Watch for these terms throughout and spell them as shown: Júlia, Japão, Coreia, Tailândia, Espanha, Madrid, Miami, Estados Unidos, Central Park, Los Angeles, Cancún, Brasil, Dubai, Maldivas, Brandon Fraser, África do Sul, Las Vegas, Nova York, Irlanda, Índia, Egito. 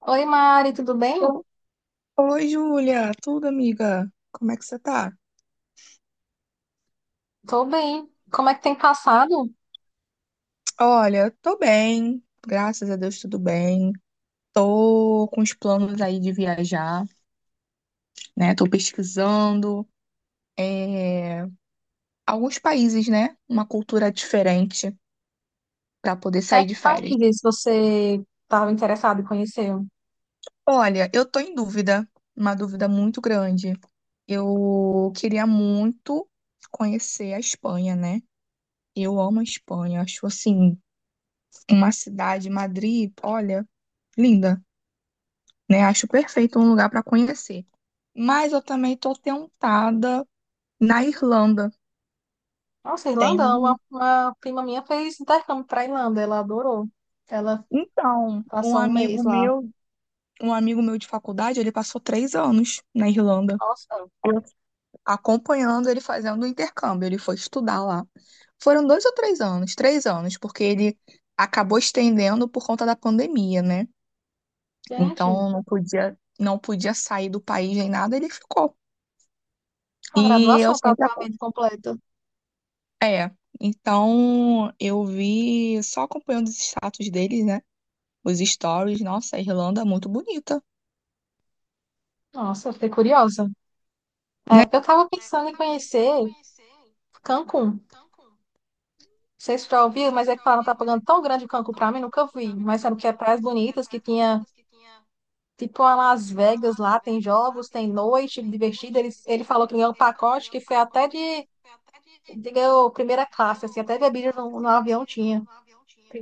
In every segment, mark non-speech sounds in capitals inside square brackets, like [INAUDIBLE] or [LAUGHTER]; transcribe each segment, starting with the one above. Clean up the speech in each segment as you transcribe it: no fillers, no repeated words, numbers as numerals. Oi, Mari, tudo bem? Oi, oi, Júlia, tudo, amiga? Como é que você tá? Tô bem. Como é que tem passado? Olha, tô bem, graças a Deus, tudo bem. Tô com os planos aí de viajar, né? Tô pesquisando é, alguns países, né? Uma cultura diferente pra poder É, sair de que férias. países você estava interessado em conhecer? Olha, eu tô em dúvida, uma dúvida muito grande. Eu queria muito conhecer a Espanha, né? Eu amo a Espanha, acho assim, uma cidade, Madrid, olha, linda, né? Acho perfeito um lugar para conhecer. Mas eu também tô tentada na Irlanda. Nossa, Tem Irlanda, uma, um, uma prima minha fez intercâmbio para Irlanda, ela adorou. Ela então, um passou um amigo mês lá. meu, um amigo meu de faculdade, ele passou 3 anos na Irlanda, Nossa, Eu- acompanhando ele fazendo o intercâmbio. Ele foi estudar lá. Foram 2 ou 3 anos, 3 anos, porque ele acabou estendendo por conta da pandemia, né? gente, Então não podia sair do país nem nada, ele ficou. uma E eu graduação sempre praticamente completa. É, então eu vi só acompanhando os status deles, né? Os stories, nossa, a Irlanda é muito bonita, Nossa, eu fiquei curiosa. É, né? eu estava É, eu pensando em tava pensando em conhecer conhecer Cancún. Não Cancún. sei se tu já Acho muito ouviu, sei mas é que já falaram ouviu, mas é propaganda que tão falam que tá grande de pagando Cancún tão para mim, grande nunca Cancún vi. pra mim, Mas nunca sabe que é vi. praias Mas sabe que é bonitas, que praias tinha bonitas que tinha tipo a Las Vegas lá, tem jogos, tem noite divertida. Ele falou que ganhou um pacote que foi até de ganhou primeira classe, assim, até bebida no avião tinha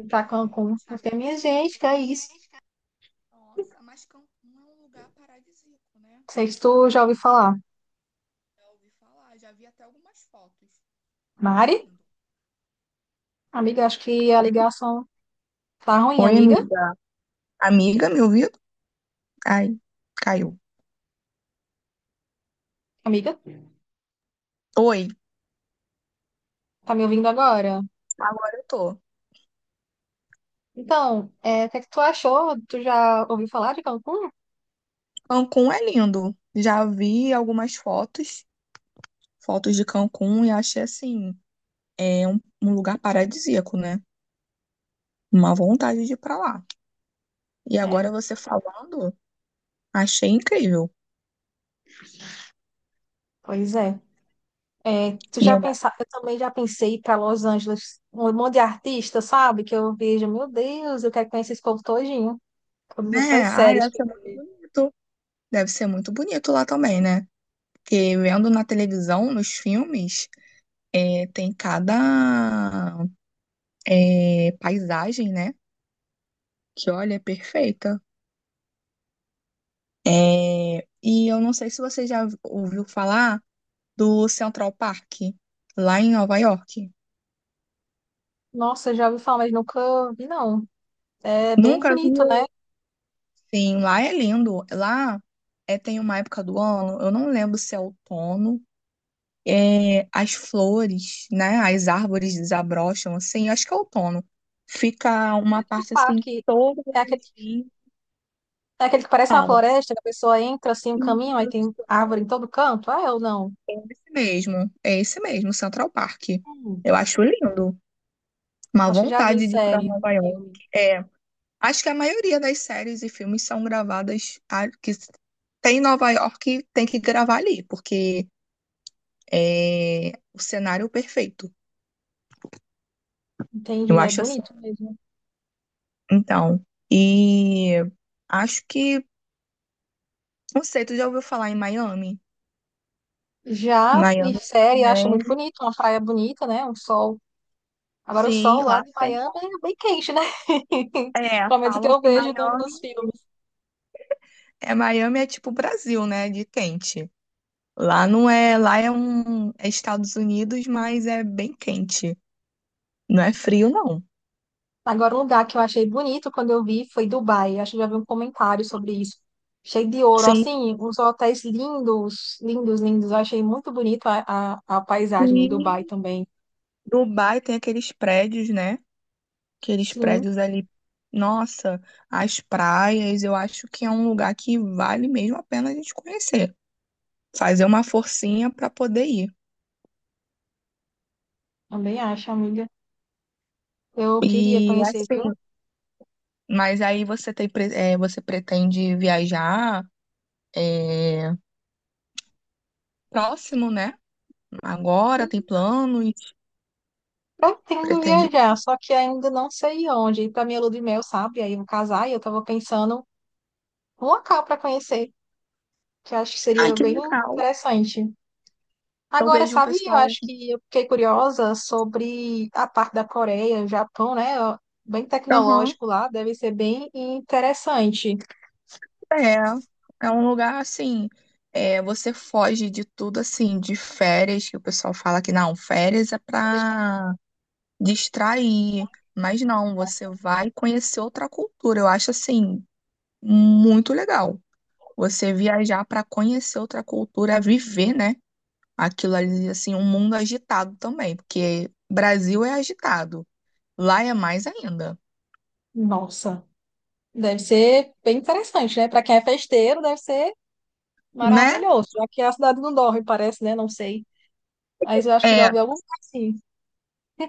pra pra gente, Cancún. tá, Eu falei, minha Cancún. gente, Porque que é minha isso? gente, cara, nossa, mas Cancún é um lugar paradisíaco, né? Não sei se tu já ouviu falar. Já ouvi falar, já vi até algumas fotos. É Mari? lindo. Amiga, acho que a ligação tá ruim, Oi, amiga. amiga. Amiga, me ouviu? Ai, caiu. Amiga, Oi. tá me ouvindo agora? Agora eu tô. Então, é, o que é que tu achou? Tu já ouviu falar de Cancún? Cancún é lindo. Já vi algumas fotos de Cancún, e achei assim, é um lugar paradisíaco, né? Uma vontade de ir pra lá. E É, agora você falando, achei incrível. pois é. É, tu E, já ainda- pensa... Eu também já pensei para Los Angeles, um monte de artista, sabe? Que eu vejo, meu Deus, eu quero conhecer esse povo todinho. Todas essas né? Ai, séries. deve Que... ser muito bonito. Deve ser muito bonito lá também, né? Porque vendo na televisão, nos filmes, tem cada paisagem, né? Que olha, é perfeita. É, e eu não sei se você já ouviu falar do Central Park, lá em Nova York. nossa, eu já ouvi falar, mas nunca vi, não. É bem Nunca bonito, viu? né? Sim, lá é lindo. Lá tem uma época do ano, eu não lembro se é outono, as flores, né? As árvores desabrocham, assim, acho que é outono. Fica uma O parte assim parque. toda É aquele, em é aquele que parece uma pau. floresta, que a pessoa entra assim, um caminho, aí tem árvore em todo canto. Ah, eu não. É esse mesmo, é esse mesmo, Central Park. Hum, Eu acho lindo. Uma acho que já vi em vontade de ir para série, no Nova York. filme. É, acho que a maioria das séries e filmes são gravadas que tem em Nova York, tem que gravar ali, porque é o cenário perfeito. Eu Entendi, é acho assim. bonito mesmo. Então, e acho que, não sei, tu já ouviu falar em Miami? Já em Miami série, eu acho muito também. bonito, uma praia bonita, né? Um sol... agora o sol Sim, lá lá de tem. Miami é bem quente, né? [LAUGHS] É, Pelo menos o que falam eu que vejo no... Miami nos filmes. é Miami é tipo Brasil, né, de quente. Lá não é, lá é Estados Unidos, mas é bem quente. Não é frio, não. Agora, um lugar que eu achei bonito quando eu vi foi Dubai. Acho que já vi um comentário sobre isso. Cheio de ouro, Sim, assim, uns hotéis lindos, lindos, lindos. Eu achei muito bonito a paisagem em Dubai sim. também. Dubai tem aqueles prédios, né? Aqueles Sim, prédios ali. Nossa, as praias, eu acho que é um lugar que vale mesmo a pena a gente conhecer. Fazer uma forcinha para poder ir. também acho, amiga. Eu queria E conhecer, viu? assim, mas aí você pretende viajar é, próximo, né? Agora tem E planos, pretendo pretende. viajar, só que ainda não sei onde. Para minha lua de mel, sabe? Aí eu vou casar e eu tava pensando um local para conhecer. Que acho que Ai, seria que bem legal. interessante. Eu Agora, vejo um sabe, eu pessoal. acho que eu fiquei curiosa sobre a parte da Coreia, Japão, né? Ó, bem Aham. tecnológico lá, deve ser bem interessante. É, é um lugar assim, você foge de tudo assim, de férias, que o pessoal fala que não, férias é pra distrair, mas não, você vai conhecer outra cultura. Eu acho assim, muito legal. Você viajar pra conhecer outra cultura, viver, né? Aquilo ali, assim, um mundo agitado também, porque Brasil é agitado, lá é mais ainda, Nossa, deve ser bem interessante, né? Para quem é festeiro, deve ser né? maravilhoso. Aqui a cidade não dorme, parece, né? Não sei. Mas eu acho que já É, ouvi algum lugar assim.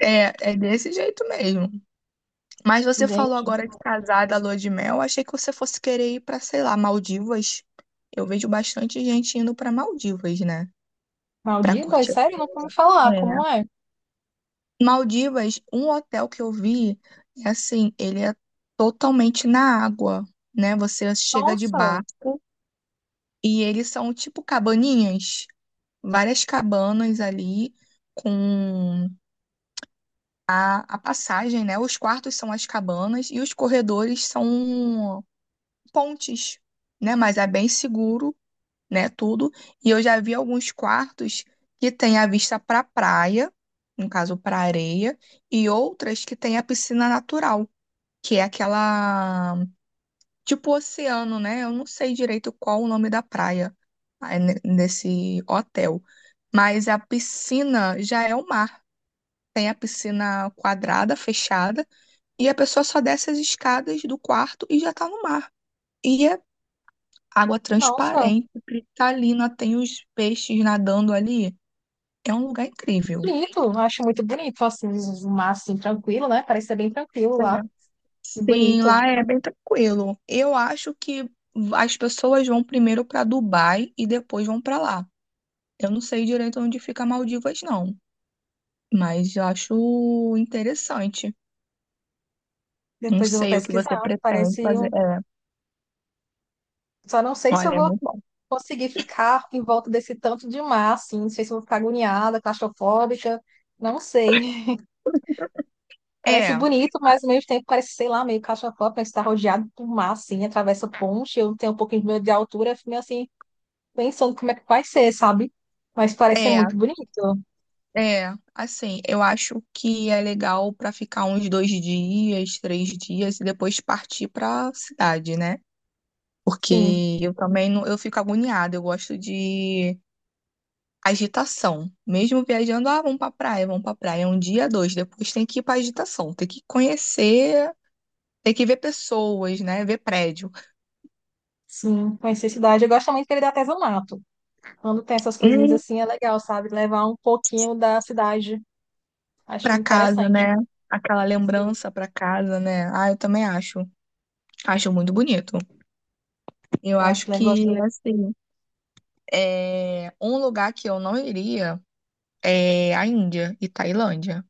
é, é desse jeito mesmo. Mas você falou Gente, agora de casar da lua de mel. Achei que você fosse querer ir pra, sei lá, Maldivas. Eu vejo bastante gente indo pra Maldivas, né? Pra Maldivas, curtir. sério? Não vou me falar, É. como é? Maldivas, um hotel que eu vi, é assim, ele é totalmente na água, né? Você chega de Nossa, barco e eles são tipo cabaninhas, várias cabanas ali com a passagem, né? Os quartos são as cabanas e os corredores são pontes, né? Mas é bem seguro, né? Tudo. E eu já vi alguns quartos que tem a vista para praia, no caso para areia, e outras que tem a piscina natural, que é aquela tipo oceano, né? Eu não sei direito qual o nome da praia aí nesse hotel, mas a piscina já é o mar. Tem a piscina quadrada, fechada, e a pessoa só desce as escadas do quarto e já tá no mar. E é água nossa. transparente, cristalina, tem os peixes nadando ali. É um lugar incrível. Bonito, eu acho muito bonito, assim, o mar, assim, tranquilo, né? Parece ser bem tranquilo É. lá, e Sim, bonito. lá é bem tranquilo. Eu acho que as pessoas vão primeiro para Dubai e depois vão para lá. Eu não sei direito onde fica Maldivas, não, mas eu acho interessante. Não Depois eu vou sei o que você pesquisar, pretende parece... fazer. um... É, só não sei se eu olha, é vou muito bom. conseguir ficar em volta desse tanto de mar, assim, não sei se eu vou ficar agoniada, claustrofóbica, não sei. [LAUGHS] Parece É, bonito, mas ao mesmo tempo parece, sei lá, meio claustrofóbica, estar rodeado por mar, assim, atravessa ponte, eu tenho um pouquinho de medo de altura, eu fico meio assim, pensando como é que vai ser, sabe? Mas parece ser é. muito bonito, É, assim, eu acho que é legal para ficar uns 2 dias, 3 dias e depois partir para cidade, né? sim. Porque eu também não, eu fico agoniada, eu gosto de agitação. Mesmo viajando, ah, vamos pra praia, um dia, dois, depois tem que ir pra agitação, tem que conhecer, tem que ver pessoas, né? Ver prédio. Sim, conhecer a cidade. Eu gosto muito que ele dá artesanato. Quando tem essas coisinhas Hum, assim, é legal, sabe? Levar um pouquinho da cidade. Acho pra casa, interessante. né? Aquela Sim, lembrança pra casa, né? Ah, eu também acho. Acho muito bonito. Eu eu acho acho legal. que, assim, um lugar que eu não iria é a Índia e Tailândia.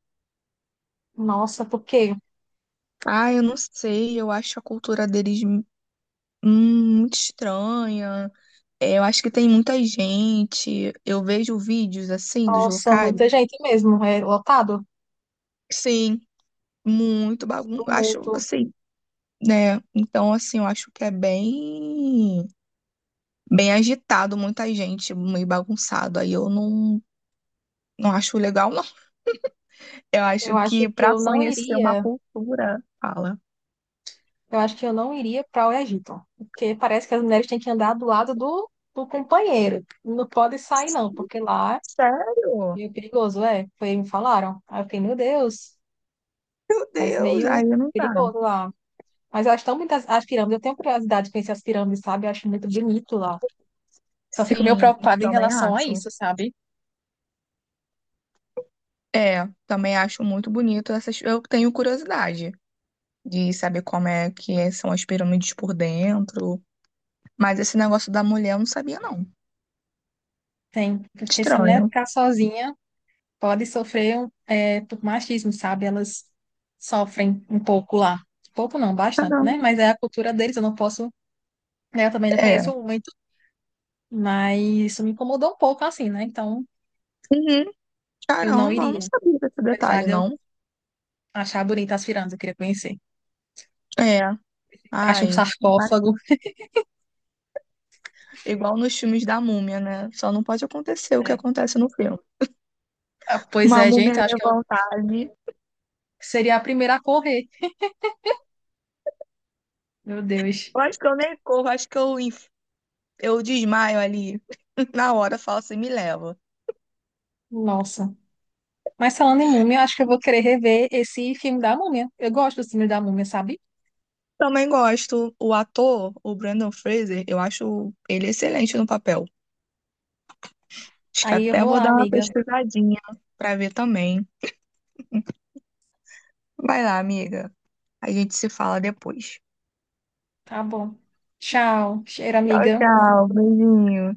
Nossa, por quê? Ah, eu não sei, eu acho a cultura deles muito estranha. É, eu acho que tem muita gente. Eu vejo vídeos assim dos Nossa, locais. muita gente mesmo. É lotado. Sim, Muito acho tumulto. assim, né? Então, assim, eu acho que é bem, bem agitado, muita gente, meio bagunçado. Aí eu não, não acho legal, não. Eu Eu acho acho que que para eu não conhecer uma iria. cultura, fala. Eu acho que eu não iria para o Egito. Porque parece que as mulheres têm que andar do lado do, do companheiro. Não pode sair, não, porque lá é Sério? meio perigoso, é. Foi, me falaram. Aí eu fiquei, meu Deus, Meu parece Deus, meio aí não dá. perigoso lá. Mas eu acho tão bonitas as pirâmides. Eu tenho curiosidade de conhecer as pirâmides, sabe? Eu acho muito bonito lá. Só fico meio Sim, preocupada em também relação a acho. isso, sabe? É, também acho muito bonito essas. Eu tenho curiosidade de saber como é que são as pirâmides por dentro. Mas esse negócio da mulher eu não sabia, não. Tem. Porque se a mulher Estranho. ficar sozinha, pode sofrer um, é, por machismo, sabe? Elas sofrem um pouco lá. Pouco não, bastante, né? Caramba. Mas é a cultura deles. Eu não posso. Né, eu também não É. conheço muito. Mas isso me incomodou um pouco, assim, né? Então Uhum. eu não Caramba, eu não iria. sabia desse Apesar detalhe, de eu não. achar bonita as pirâmides, eu queria conhecer. É. Acho um Ai, sarcófago. igual nos filmes da múmia, né? Só não pode acontecer o que Né? acontece no filme. Ah, pois Uma é, gente. múmia Eu acho que eu levantar ali. seria a primeira a correr. Meu Deus. Eu acho que eu nem corro, acho que eu desmaio ali [LAUGHS] na hora, falo assim, me leva. Nossa. Mas falando em múmia, acho que eu vou querer rever esse filme da múmia. Eu gosto do filme da múmia, sabe? Também gosto. O ator, o Brandon Fraser, eu acho ele excelente no papel. Acho que Aí eu até vou vou lá, dar uma amiga. pesquisadinha pra ver também. Vai lá, amiga. A gente se fala depois. Tá bom. Tchau. Cheiro, Tchau, amiga. tchau. Beijinho.